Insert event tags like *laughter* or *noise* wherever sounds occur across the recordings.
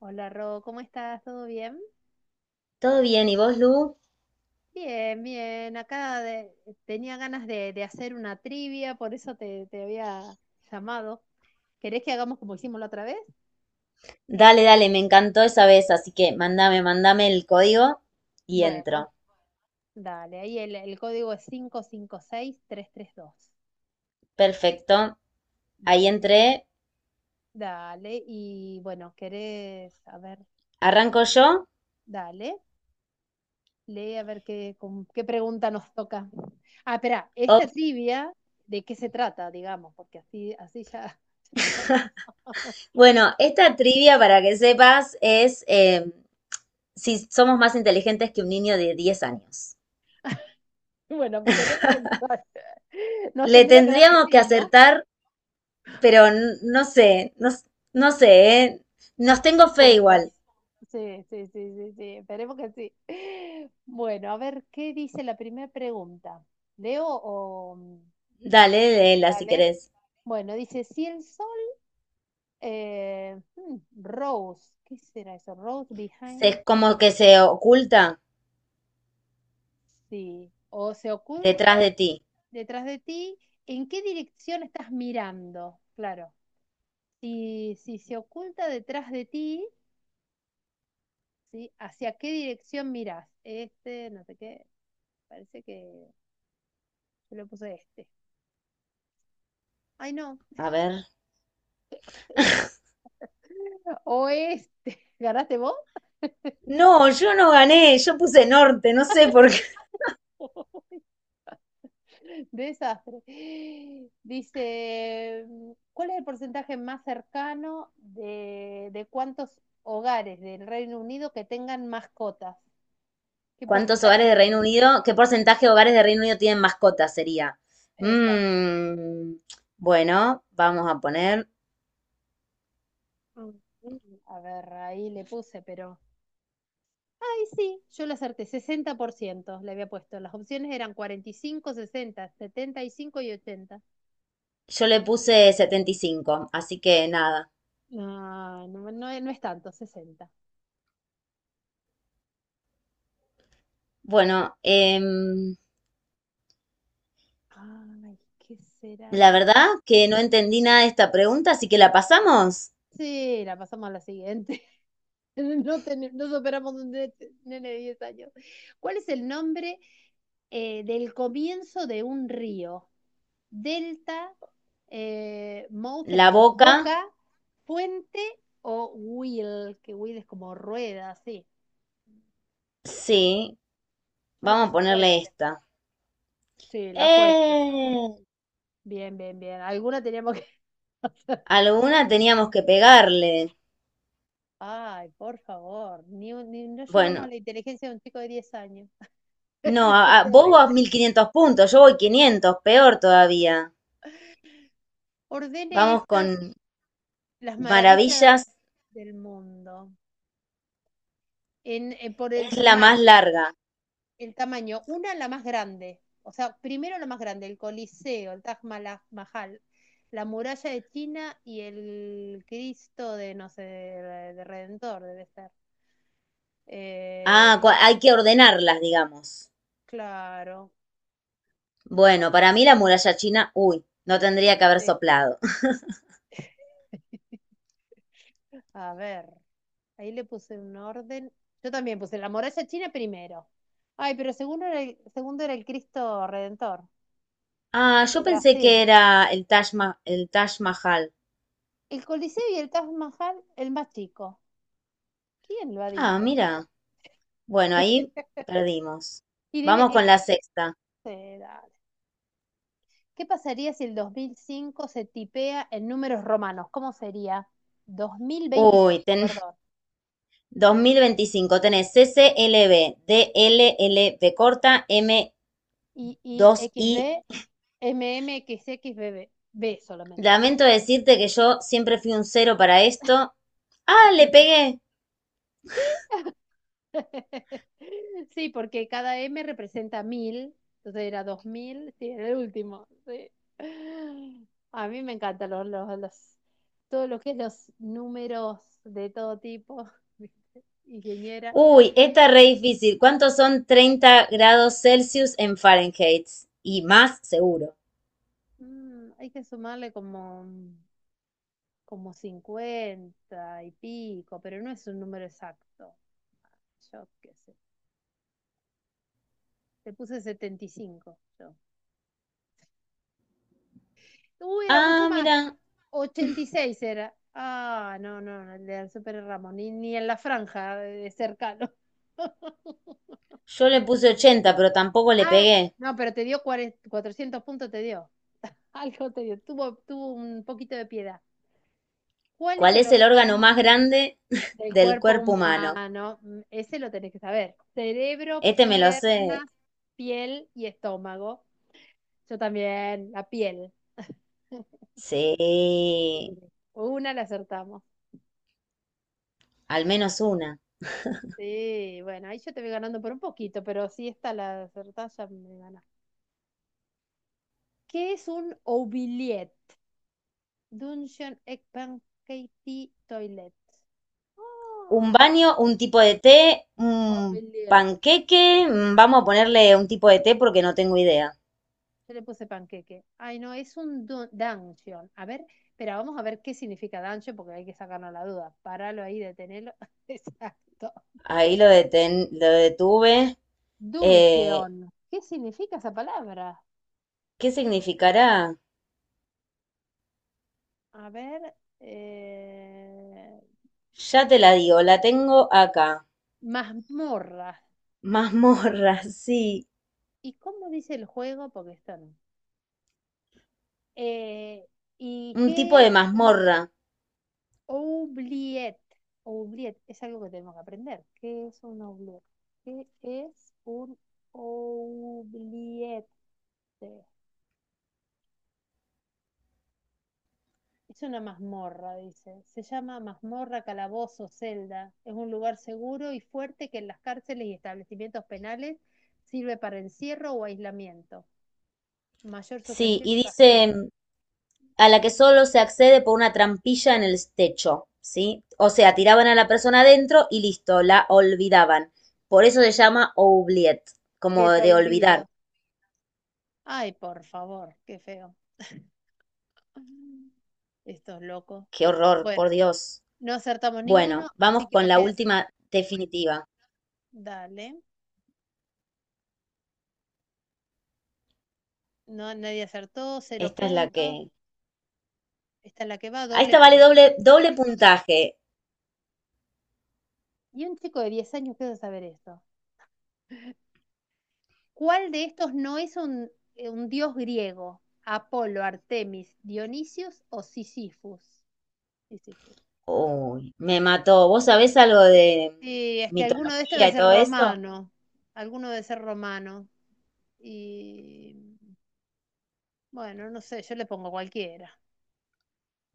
Hola Ro, ¿cómo estás? ¿Todo bien? Todo bien, ¿y vos, Lu? Bien, bien. Tenía ganas de hacer una trivia, por eso te había llamado. ¿Querés que hagamos como hicimos la otra vez? Dale, dale, me encantó esa vez, así que mandame, mandame el código y Bueno, entro. dale. Ahí el código es 5 5 6 3 3 2. Perfecto, ahí Bueno, entré. dale. Y bueno, ¿querés? A ver, ¿Arranco yo? dale. Lee a ver qué, con qué pregunta nos toca. Ah, espera, esta Ok. trivia, ¿de qué se trata, digamos? Porque así, así ya... *laughs* Bueno, esta trivia, para que sepas, es si somos más inteligentes que un niño de 10 años. Bueno, tenemos que avisar. *laughs* Nos Le tendría que dar que tendríamos que sí, ¿no? acertar, pero no sé, no sé, ¿eh? Nos tengo Mil fe puntos. igual. Sí, sí, sí, sí, sí. Esperemos que sí. Bueno, a ver, ¿qué dice la primera pregunta? ¿Leo o...? Dale, léela si Dale. querés. Bueno, dice, si el sol... eh, hmm, Rose, ¿qué será eso? Rose Es behind... como que se oculta Sí, o se oculta detrás de ti. detrás de ti, ¿en qué dirección estás mirando? Claro, si se oculta detrás de ti, ¿sí? ¿Hacia qué dirección mirás? Este, no sé qué, parece que yo le puse este. Ay, no, A ver. *laughs* o este, ¿ganaste vos? No, yo no gané, yo puse norte, no sé por qué. *laughs* Desastre. Dice, ¿cuál es el porcentaje más cercano de cuántos hogares del Reino Unido que tengan mascotas? ¿Qué ¿Cuántos porcentaje hogares de Reino tiene? Unido? ¿Qué porcentaje de hogares de Reino Unido tienen mascotas? Sería. Exacto. Mm, bueno, vamos a poner. A ver, ahí le puse, pero... Ay, sí, yo lo acerté, 60% le había puesto. Las opciones eran 45, 60, 70 y 80. Yo le puse 75, así que nada. No, no, no, no es tanto, 60. Bueno, Ay, ¿qué será la eso? verdad que no entendí nada de esta pregunta, así que la pasamos. Sí, la pasamos a la siguiente. *laughs* No, no superamos un nene de 10 años. ¿Cuál es el nombre del comienzo de un río? Delta, mouth es La como boca, boca, puente o wheel, que wheel es como rueda, sí. sí. Yo le Vamos a puse ponerle fuente. esta. Sí, la fuente. ¡Eh! Bien, bien, bien. Alguna teníamos que *laughs* hacer. Alguna teníamos que pegarle. Ay, por favor, ni, no llegamos Bueno, a la inteligencia de un chico de 10 años. *laughs* no, Esto es vos vas terrible. 1500 puntos, yo voy 500, peor todavía. Ordene Vamos estas, con las maravillas maravillas, del mundo, en, por el es la más tamaño. larga. El tamaño, una la más grande, o sea, primero la más grande, el Coliseo, el Taj Mahal, la muralla de China y el Cristo de, no sé, de Redentor, debe ser. Eh, Ah, hay que ordenarlas, digamos. claro. Bueno, para mí la muralla china, uy, no tendría que haber Sí. soplado. *laughs* *laughs* A ver, ahí le puse un orden. Yo también puse la muralla china primero. Ay, pero segundo era el Cristo Redentor Ah, yo de pensé que Brasil. era el el Taj Mahal. El Coliseo y el Taj Mahal, el más chico. ¿Quién lo ha Ah, dicho mira. eso? Bueno, ahí *laughs* perdimos. Y Vamos con la sexta. este, dale. ¿Qué pasaría si el 2005 se tipea en números romanos? ¿Cómo sería? dos mil Uy, veinticinco? ten Perdón. *laughs* 2025. Tenés CCLB, DLLB corta, m Y y dos x i. b m m x x B b b solamente. Es. Lamento decirte que yo siempre fui un cero para esto. ¡Ah, le pegué! *laughs* Sí, porque cada M representa mil, entonces era 2000, sí, era el último. Sí. A mí me encantan todo lo que es los números de todo tipo, *laughs* ingeniera. Uy, esta es re difícil. ¿Cuántos son 30 grados Celsius en Fahrenheit? Y más seguro. Hay que sumarle como, como 50 y pico, pero no es un número exacto. Yo qué sé. Te puse 75 yo. Uy, era mucho Ah, más. mira, 86 era. Ah, no, no, no, el de Super Ramos, ni en la franja de cercano. *laughs* yo le puse 80, pero tampoco le Ah, pegué. no, pero te dio 400 puntos, te dio. Algo te dio. Tuvo, tuvo un poquito de piedad. ¿Cuál es ¿Cuál el es el órgano órgano más grande *laughs* del del cuerpo cuerpo humano? humano? Mm, ese lo tenés que saber. Cerebro, Este me lo sé. piernas, piel y estómago. Yo también, la piel. *laughs* Sí, Una la acertamos. al menos una. Sí, bueno, ahí yo te voy ganando por un poquito, pero si esta la acertás ya me ganas. ¿Qué es un oubliette? Dungeon, egg, pancake, toilet. Un Oh, baño, un tipo de té, un oubliette. panqueque. Vamos a ponerle un tipo de té porque no tengo idea. Yo le puse panqueque. Ay, no, es un dungeon. A ver, pero vamos a ver qué significa dungeon porque hay que sacarnos la duda. Paralo ahí, detenelo. *laughs* Exacto. Ahí lo detuve. Eh, Dungeon. ¿Qué significa esa palabra? ¿Qué significará? A ver. eh, Ya te la digo, la tengo acá. Mazmorras. Mazmorra, *laughs* sí. ¿Y cómo dice el juego? Porque está no. Eh, ¿Y Un tipo qué es de un mazmorra. oubliette? Oubliette es algo que tenemos que aprender. ¿Qué es un oubliette? ¿Qué es un oubliette? Es una mazmorra, dice. Se llama mazmorra, calabozo, celda. Es un lugar seguro y fuerte que en las cárceles y establecimientos penales sirve para encierro o aislamiento. Mayor Sí, sujeción y y dice castigo. a la que solo se accede por una trampilla en el techo, ¿sí? O sea, tiraban a la persona adentro y listo, la olvidaban. Por eso se llama oubliette, ¿Qué como es de olvidar. olvido? Ay, por favor, qué feo. *laughs* Estos locos. Qué horror, por Bueno, Dios. no acertamos ninguno, Bueno, vamos así que con la imagínate. última definitiva. Dale. No, nadie acertó, cero Esta es la puntos. que Esta es la que va, a doble esta vale punto. doble, doble puntaje. Y un chico de 10 años quiere saber esto. ¿Cuál de estos no es un dios griego? ¿Apolo, Artemis, Dionisios o Sísifus? Sísifus. Uy, me mató. ¿Vos sabés algo de Sí, es que alguno de estos mitología debe y ser todo eso? romano. Alguno debe ser romano. Y bueno, no sé, yo le pongo cualquiera.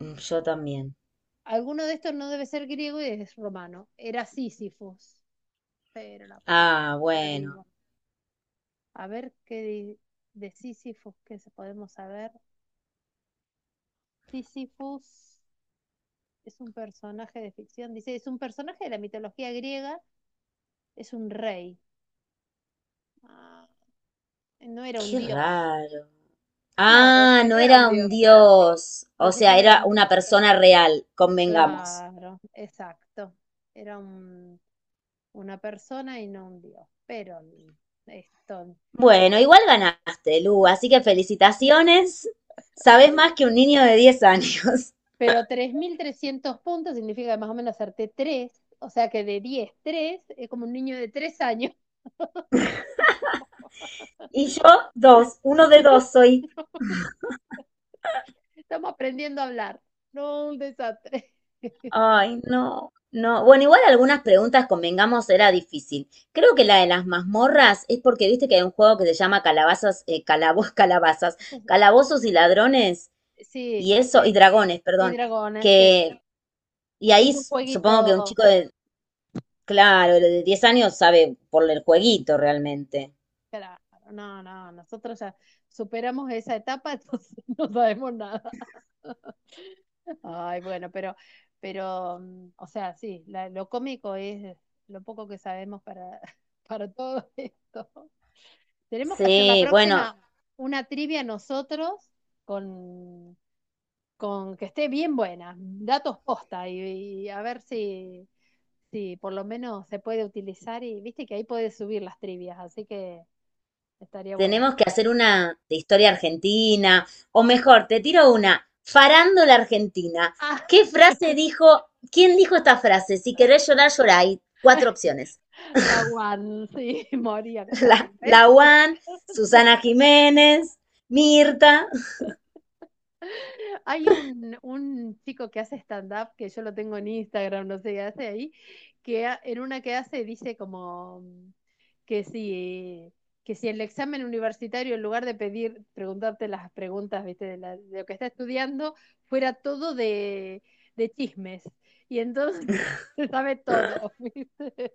Yo también. Alguno de estos no debe ser griego y es romano. Era Sísifos. Pero la puta, Ah, ya bueno. digo. A ver qué de Sísifos que se podemos saber. Sísifos es un personaje de ficción. Dice, es un personaje de la mitología griega, es un rey. Ah, no era un Qué dios. raro. Claro, es Ah, que no no era un era un dios. dios. O Los otros sea, era eran una dioses. persona real, convengamos. Claro, exacto. Era un una persona y no un dios. Pero esto. Bueno, igual ganaste, Lu, así que felicitaciones. Sabés más que un niño de 10 años. *laughs* Pero 3300 puntos significa que más o menos acerté tres, o sea que de 10 3 es como un niño de tres años. Y yo, dos, uno de dos soy. *laughs* Estamos aprendiendo a hablar, no un desastre. *laughs* Ay, no, no. Bueno, igual algunas preguntas, convengamos, era difícil. Creo que la de las mazmorras es porque viste que hay un juego que se llama calabazas, *laughs* calabazas, calabozos y ladrones, Sí, y eso, y sí, dragones, y perdón, dragones, sí, que, y que ahí es un supongo que un jueguito. chico de, claro, de 10 años sabe por el jueguito realmente. Claro, no, no, nosotros ya superamos esa etapa, *laughs* entonces no sabemos nada. Ay, bueno, pero, o sea, sí, lo cómico es lo poco que sabemos para, *laughs* para todo esto. Tenemos que hacer la Sí, bueno, próxima una trivia nosotros con, con que esté bien buena, datos posta y a ver si, si por lo menos se puede utilizar y viste que ahí puedes subir las trivias, así que estaría bueno. tenemos que hacer una de historia argentina, o mejor, te tiro una, farándula argentina. *laughs* Ah, ¿Qué frase dijo, quién dijo esta frase? Si querés llorar, llorá. Hay cuatro opciones. la One, sí, *laughs* moría *laughs* casada, La, la ¿ves? Juan, Susana Jiménez, Mirta. Hay un chico que hace stand-up, que yo lo tengo en Instagram, no sé qué hace ahí, que en una que hace dice como que si, que si el examen universitario, en lugar de pedir, preguntarte las preguntas, viste, de, de lo que está estudiando, fuera todo de chismes. Y entonces *laughs* se sabe todo, *laughs* ¿viste?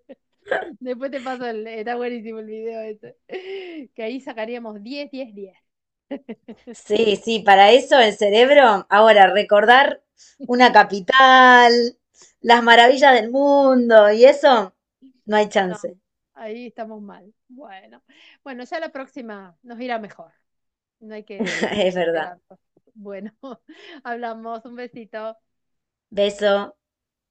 Después te paso el, está buenísimo el video ese. Que ahí sacaríamos 10 10 10 Sí, sí, para eso el cerebro. Ahora, recordar una capital, las maravillas del mundo y eso, no hay chance. ahí estamos mal. Bueno, bueno, ya la próxima nos irá mejor. No hay que *laughs* perder Es la verdad. esperanza. Bueno, *laughs* hablamos. Un besito. Beso.